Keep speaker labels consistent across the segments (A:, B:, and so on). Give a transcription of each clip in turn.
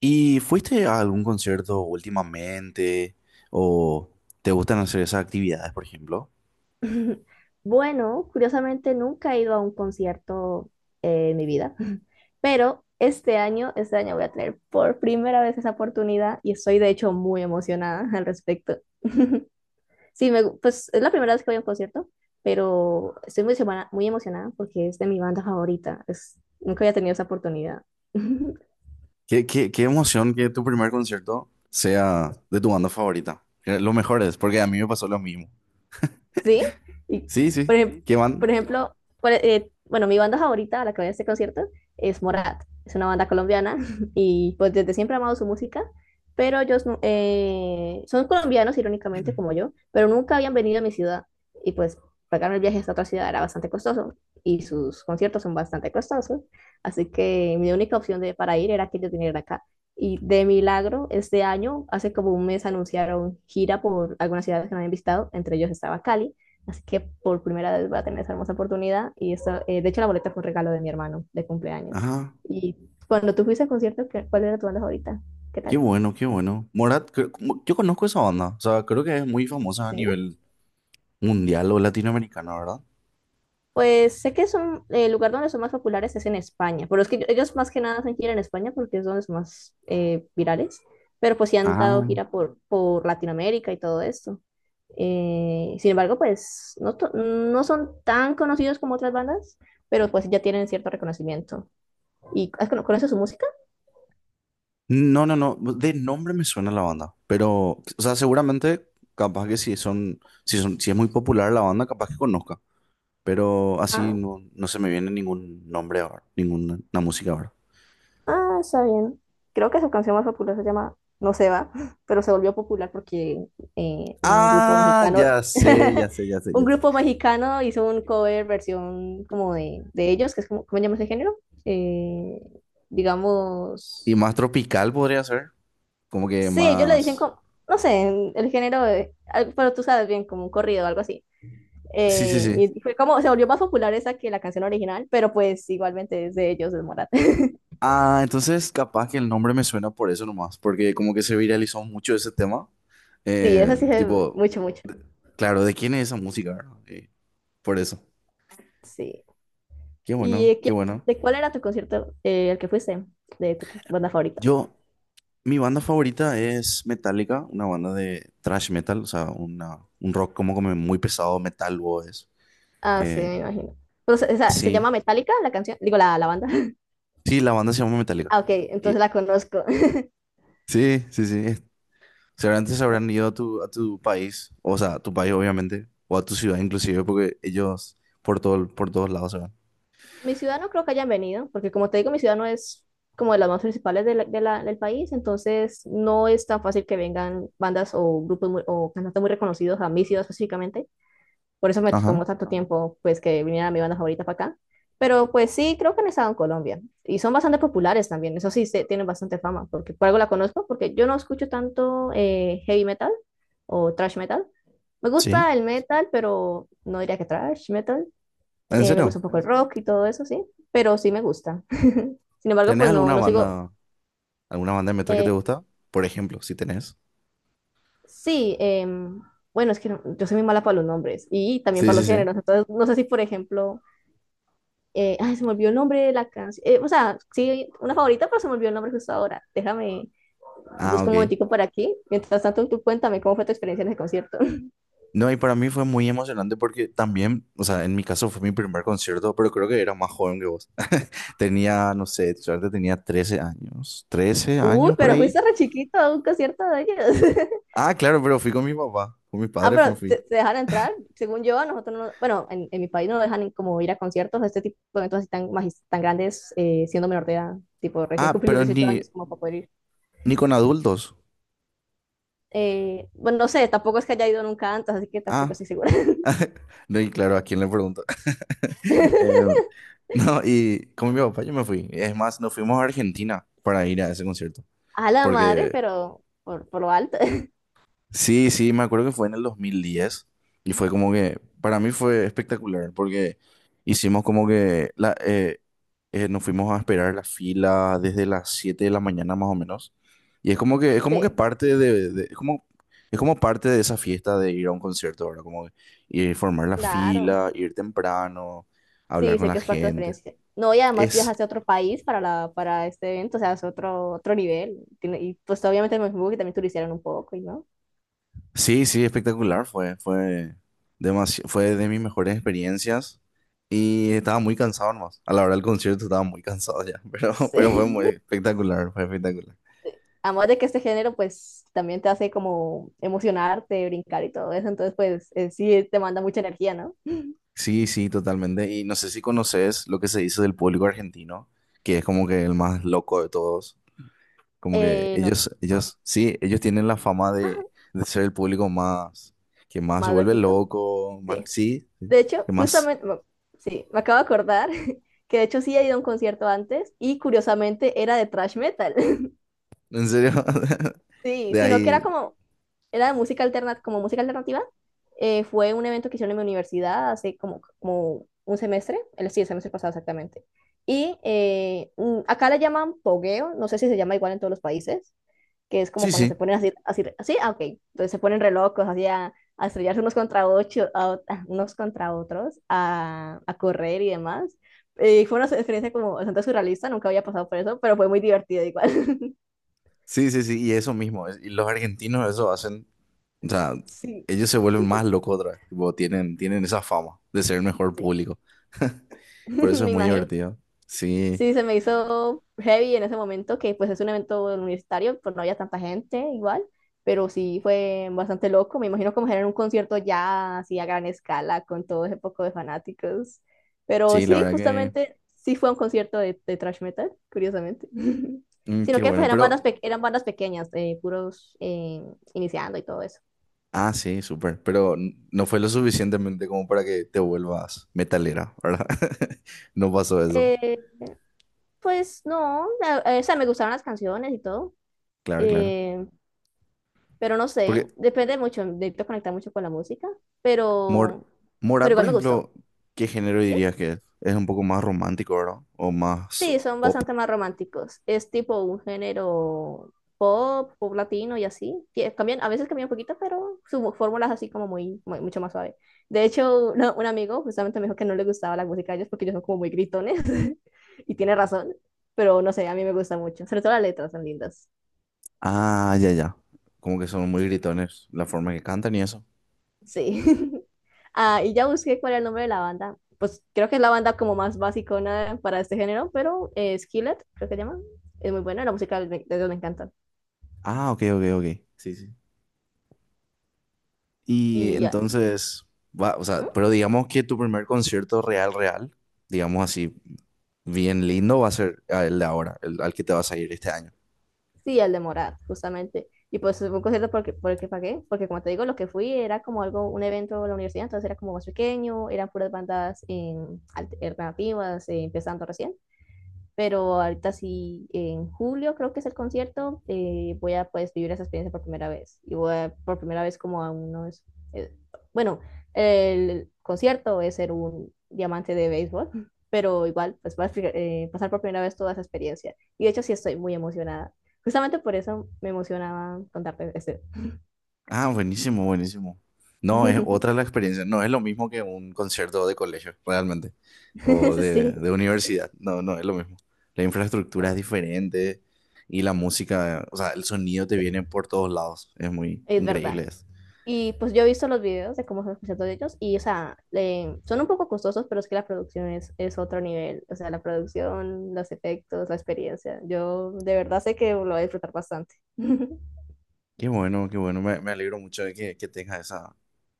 A: ¿Y fuiste a algún concierto últimamente? ¿O te gustan hacer esas actividades, por ejemplo?
B: Bueno, curiosamente nunca he ido a un concierto en mi vida, pero este año voy a tener por primera vez esa oportunidad y estoy de hecho muy emocionada al respecto. Sí, pues es la primera vez que voy a un concierto, pero estoy muy emocionada porque es de mi banda favorita. Es, nunca había tenido esa oportunidad.
A: ¿Qué emoción que tu primer concierto sea de tu banda favorita? Que Lo mejor es, porque a mí me pasó lo mismo.
B: ¿Sí? Y,
A: Sí, sí.
B: Sí,
A: ¿Qué
B: sí. Por
A: van?
B: ejemplo, bueno, mi banda favorita a la que voy a este concierto es Morat. Es una banda colombiana y pues desde siempre he amado su música, pero ellos son colombianos, irónicamente, como yo, pero nunca habían venido a mi ciudad y pues pagar el viaje hasta otra ciudad era bastante costoso y sus conciertos son bastante costosos, así que mi única opción para ir era que ellos vinieran acá. Y de milagro, este año, hace como un mes, anunciaron gira por algunas ciudades que no habían visitado, entre ellos estaba Cali. Así que por primera vez voy a tener esa hermosa oportunidad. Y eso, de hecho, la boleta fue un regalo de mi hermano de cumpleaños.
A: Ajá.
B: Y cuando tú fuiste al concierto, ¿cuál era tu banda favorita? ¿Qué
A: Qué
B: tal?
A: bueno, qué bueno. Morat, yo conozco esa banda. O sea, creo que es muy famosa a
B: Sí.
A: nivel mundial o latinoamericano, ¿verdad?
B: Pues sé que son, el lugar donde son más populares es en España, pero es que ellos más que nada hacen gira en España porque es donde son más virales, pero pues sí han dado
A: Ah.
B: gira por Latinoamérica y todo esto. Sin embargo, pues no, no son tan conocidos como otras bandas, pero pues ya tienen cierto reconocimiento. ¿Y conoces su música?
A: No, no, no. De nombre me suena la banda. Pero, o sea, seguramente, capaz que si es muy popular la banda, capaz que conozca. Pero así no, no se me viene ningún nombre ahora, ninguna una música ahora.
B: Ah, está bien. Creo que su canción más popular se llama No se va, pero se volvió popular porque un grupo Ah,
A: Ah,
B: mexicano,
A: ya sé, ya sé, ya sé,
B: un
A: ya sé.
B: grupo mexicano hizo un cover versión como de ellos, que es como, ¿cómo se llama ese género? Eh,
A: Y
B: digamos,
A: más tropical podría ser. Como que
B: sí, ellos le dicen
A: más.
B: como, no sé, el género, pero tú sabes bien, como un corrido o algo así.
A: Sí, sí, sí.
B: Y fue como, se volvió más popular esa que la canción original, pero pues igualmente es de ellos, es Morat.
A: Ah, entonces capaz que el nombre me suena por eso nomás. Porque como que se viralizó mucho ese tema.
B: Sí, esa sí es
A: Tipo,
B: mucho, mucho.
A: de- claro, ¿de quién es esa música? ¿Verdad? Por eso.
B: Sí.
A: Qué
B: ¿Y
A: bueno, qué bueno.
B: de cuál era tu concierto al que fuiste de tu banda favorita?
A: Yo, mi banda favorita es Metallica, una banda de thrash metal, o sea, un rock como, como muy pesado, metal, o es.
B: Ah, sí,
A: Eh,
B: me imagino. Pues, esa, ¿se
A: sí,
B: llama Metallica la canción? Digo, la banda.
A: sí, la banda se llama Metallica.
B: Ah, ok,
A: Y-
B: entonces la conozco.
A: sí, sí, sí. Seguramente se habrán ido a tu país, o sea, a tu país obviamente, o a tu ciudad inclusive, porque ellos por todos lados se van.
B: Mi ciudad no creo que hayan venido, porque como te digo, mi ciudad no es como de las más principales del país, entonces no es tan fácil que vengan bandas o o cantantes muy reconocidos a mi ciudad específicamente. Por eso me
A: Ajá,
B: tomó tanto tiempo, pues, que viniera mi banda favorita para acá. Pero pues sí, creo que han estado en Colombia. Y son bastante populares también. Eso sí, tienen bastante fama. Porque por algo la conozco, porque yo no escucho tanto heavy metal o thrash metal. Me
A: sí.
B: gusta el metal, pero no diría que thrash metal.
A: ¿En
B: Me gusta
A: serio?
B: un poco el rock y todo eso, sí. Pero sí me gusta. Sin embargo,
A: ¿Tenés
B: pues no,
A: alguna
B: no sigo.
A: banda, ¿alguna banda de metal que te
B: eh,
A: gusta? Por ejemplo, si tenés.
B: sí, bueno, es que yo soy muy mala para los nombres y también
A: Sí,
B: para
A: sí,
B: los
A: sí.
B: géneros. Entonces, no sé si, por ejemplo, ay, se me olvidó el nombre de la canción. O sea, sí, una favorita, pero se me olvidó el nombre justo ahora. Déjame,
A: Ah,
B: busco un
A: ok.
B: momentico por aquí. Mientras tanto, tú cuéntame cómo fue tu experiencia en ese concierto.
A: No, y para mí fue muy emocionante porque también, o sea, en mi caso fue mi primer concierto, pero creo que era más joven que vos. Tenía, no sé, suerte tenía 13 años, 13
B: Uy,
A: años por
B: pero
A: ahí.
B: fuiste re chiquito a un concierto de ellos.
A: Ah, claro, pero fui con mi papá, con mis
B: ah,
A: padres me
B: pero
A: fui.
B: te dejan entrar. Según yo, a nosotros no, bueno, en mi país no dejan como ir a conciertos, a este tipo de eventos así tan, tan grandes, siendo menor de edad. Tipo, recién
A: Ah,
B: cumplí los
A: pero
B: 18
A: ni,
B: años como para poder ir.
A: ni con adultos.
B: Bueno, no sé, tampoco es que haya ido nunca antes, así que tampoco
A: Ah,
B: estoy segura.
A: no, y claro, ¿a quién le pregunto? Eh, no, y con mi papá yo me fui. Es más, nos fuimos a Argentina para ir a ese concierto,
B: a la madre,
A: porque
B: pero por lo alto.
A: Sí, sí, me acuerdo que fue en el 2010 y fue como que, para mí fue espectacular porque hicimos como que, nos fuimos a esperar la fila desde las 7 de la mañana más o menos. Y es como que
B: Sí,
A: parte de, es como parte de esa fiesta de ir a un concierto, ahora. Como que, formar la
B: claro.
A: fila, ir temprano, hablar
B: Sí,
A: con
B: sé
A: la
B: que es parte de la
A: gente.
B: experiencia. No, y además
A: Es
B: viajaste a otro país para este evento, o sea, es otro, otro nivel. Y pues obviamente me supongo que también turistearon un poco, ¿y no?
A: Sí, sí, espectacular fue, fue fue de mis mejores experiencias y estaba muy cansado nomás. A la hora del concierto estaba muy cansado ya, pero fue muy
B: Sí.
A: espectacular, fue espectacular.
B: Además de que este género, pues también te hace como emocionarte, brincar y todo eso, entonces, pues sí, te manda mucha energía, ¿no?
A: Sí, sí, totalmente. Y no sé si conoces lo que se dice del público argentino, que es como que el más loco de todos. Como que
B: No, no.
A: sí, ellos tienen la fama
B: Ah,
A: de ser el público más, que más se
B: más
A: vuelve
B: loquito.
A: loco, más,
B: Sí.
A: sí, sí,
B: De
A: que
B: hecho,
A: más,
B: justamente, bueno, sí, me acabo de acordar que de hecho sí he ido a un concierto antes y curiosamente era de thrash metal.
A: en serio,
B: Sí,
A: de
B: sino que
A: ahí,
B: era como, era de música alternativa, como música alternativa. Fue un evento que hicieron en mi universidad hace como un semestre, el, sí, el semestre pasado exactamente. Y acá le llaman pogueo, no sé si se llama igual en todos los países, que es como
A: sí,
B: cuando
A: sí.
B: se ponen así, así, así, ah, ok, entonces se ponen re locos, así a estrellarse unos contra, ocho, unos contra otros, a correr y demás. Fue una experiencia como bastante surrealista, nunca había pasado por eso, pero fue muy divertido igual.
A: Sí, sí, sí, y eso mismo. Y los argentinos eso hacen, o sea,
B: Sí,
A: ellos se vuelven más locos otra vez. Tipo, tienen esa fama de ser el mejor
B: sí,
A: público. Por eso es
B: me
A: muy
B: imagino.
A: divertido. Sí,
B: Sí, se me hizo heavy en ese momento, que pues es un evento universitario, pues no había tanta gente igual, pero sí fue bastante loco. Me imagino como era un concierto ya así a gran escala con todo ese poco de fanáticos. Pero
A: sí, la
B: sí,
A: verdad que,
B: justamente sí fue un concierto de thrash metal, curiosamente.
A: mm,
B: Sino
A: qué
B: que pues
A: bueno.
B: eran bandas,
A: Pero,
B: eran bandas pequeñas, puros iniciando y todo eso.
A: ah, sí, súper. Pero no fue lo suficientemente como para que te vuelvas metalera, ¿verdad? No pasó eso.
B: Eh, pues no, o sea, me gustaron las canciones y todo.
A: Claro, claro.
B: Eh, Pero no
A: Porque
B: sé, depende mucho, necesito conectar mucho con la música,
A: Mor
B: pero,
A: Morat, por
B: igual me gustó,
A: ejemplo, ¿qué género
B: ¿sí?
A: dirías que es? Es un poco más romántico, ¿verdad? O más
B: Sí, son
A: pop.
B: bastante más románticos. Es tipo un género pop, pop latino y así. Que cambian, a veces cambian un poquito, pero su fórmula es así como mucho más suave. De hecho, un amigo justamente me dijo que no le gustaba la música de ellos porque ellos son como muy gritones. Y tiene razón, pero no sé, a mí me gusta mucho. Sobre todo las letras son lindas.
A: Ah, ya, ya. Como que son muy gritones la forma que cantan y eso.
B: Sí. Ah, y ya busqué cuál era el nombre de la banda. Pues creo que es la banda como más basicona para este género, pero Skillet, creo que se llama. Es muy buena, la música de ellos me encanta.
A: Ah, ok, ok, ok. Sí, sí. Y
B: Y ya-
A: entonces, va, o sea,
B: ¿Mm?
A: pero digamos que tu primer concierto real, real, digamos así, bien lindo, va a ser el de ahora, el al que te vas a ir este año.
B: Sí, el de Morat, justamente. Y pues fue un concierto porque, por el que pagué, porque como te digo, lo que fui era como algo, un evento de la universidad, entonces era como más pequeño, eran puras bandas alternativas, empezando recién. Pero ahorita sí, en julio creo que es el concierto, voy a pues vivir esa experiencia por primera vez y por primera vez como a unos, eh, bueno, el concierto es ser un diamante de béisbol, pero igual pues voy a pasar por primera vez toda esa experiencia y de hecho sí estoy muy emocionada. Justamente por eso me emocionaba contarte este.
A: Ah, buenísimo, buenísimo. No, es otra la experiencia. No es lo mismo que un concierto de colegio, realmente. O
B: Sí,
A: de universidad. No, no es lo mismo. La infraestructura es
B: ah,
A: diferente y la música, o sea, el sonido te
B: sí,
A: viene por todos lados. Es muy
B: es verdad.
A: increíble eso.
B: Y pues yo he visto los videos de cómo son los conciertos de ellos y, o sea, son un poco costosos, pero es que la producción es otro nivel. O sea, la producción, los efectos, la experiencia. Yo de verdad sé que lo voy a disfrutar bastante.
A: Qué bueno, qué bueno. Me alegro mucho de que tengas esa,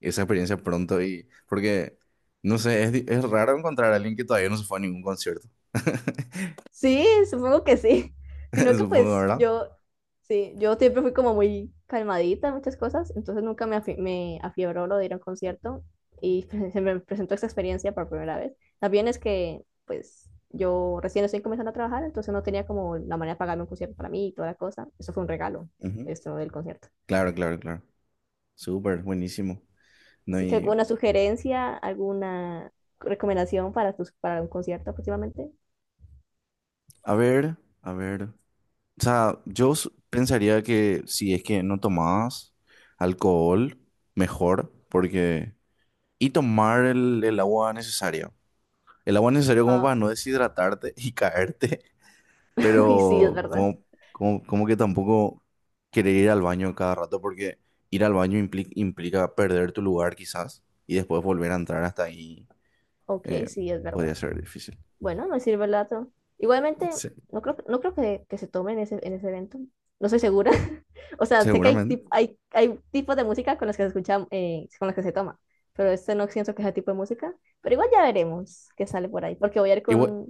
A: esa experiencia pronto y porque, no sé, es, es raro encontrar a alguien que todavía no se fue a ningún concierto.
B: Sí, supongo que sí. Sino que
A: Supongo,
B: pues
A: ¿verdad?
B: yo, sí, yo siempre fui como muy calmadita en muchas cosas, entonces nunca me, me afiebró lo de ir a un concierto y se me presentó esa experiencia por primera vez. También es que pues yo recién estoy comenzando a trabajar, entonces no tenía como la manera de pagarme un concierto para mí y toda la cosa. Eso fue un regalo,
A: Ujú.
B: esto del concierto.
A: Claro, claro, claro. Súper, buenísimo. No,
B: Así que alguna
A: y
B: sugerencia, alguna recomendación para un concierto próximamente.
A: a ver, a ver. O sea, yo pensaría que si es que no tomabas alcohol, mejor, porque y tomar el agua necesaria. El agua necesaria como
B: Ah,
A: para no deshidratarte y caerte,
B: y sí, es
A: pero
B: verdad.
A: como que tampoco querer ir al baño cada rato porque ir al baño implica perder tu lugar quizás y después volver a entrar hasta ahí
B: Ok,
A: eh,
B: sí, es
A: podría
B: verdad.
A: ser difícil.
B: Bueno, no sirve el dato. Igualmente,
A: Sí,
B: no creo que, se tome en ese, evento. No estoy segura. O sea, sé que
A: seguramente.
B: hay hay tipos de música con los que se escucha, con los que se toma, pero este no siento que sea tipo de música. Pero igual ya veremos qué sale por ahí, porque
A: Igual,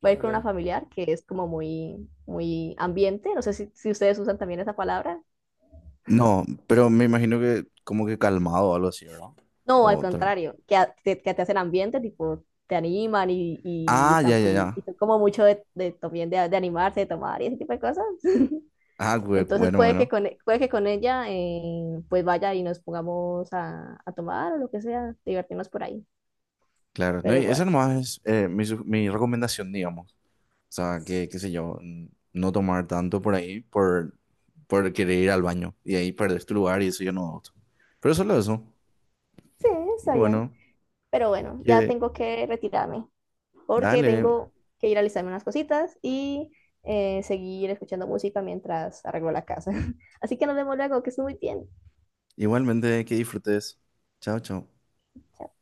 B: voy a ir
A: claro,
B: con una
A: claro.
B: familiar que es como muy ambiente. No sé si, ustedes usan también esa palabra.
A: No, pero me imagino que como que calmado o algo así, ¿verdad?
B: No, al
A: O tal-
B: contrario, que, que, te hacen ambiente, tipo, te animan y,
A: Ah, ya, ya, ya.
B: y son como mucho de, también de, animarse, de tomar y ese tipo de cosas.
A: Ah,
B: Entonces
A: bueno,
B: puede que
A: bueno.
B: con, puede que con ella pues vaya y nos pongamos a tomar o lo que sea, divertirnos por ahí.
A: Claro, no,
B: Pero
A: y esa
B: igual,
A: nomás es mi recomendación, digamos. O sea, que, qué sé yo, no tomar tanto por ahí por querer ir al baño y ahí perder tu lugar y eso yo no gusto. Pero solo eso.
B: sí,
A: Y
B: está bien.
A: bueno,
B: Pero bueno, ya
A: que
B: tengo que retirarme porque
A: dale,
B: tengo que ir a alistarme unas cositas y seguir escuchando música mientras arreglo la casa. Así que nos vemos luego, que estés muy bien.
A: igualmente que disfrutes. Chao, chao.
B: Chao.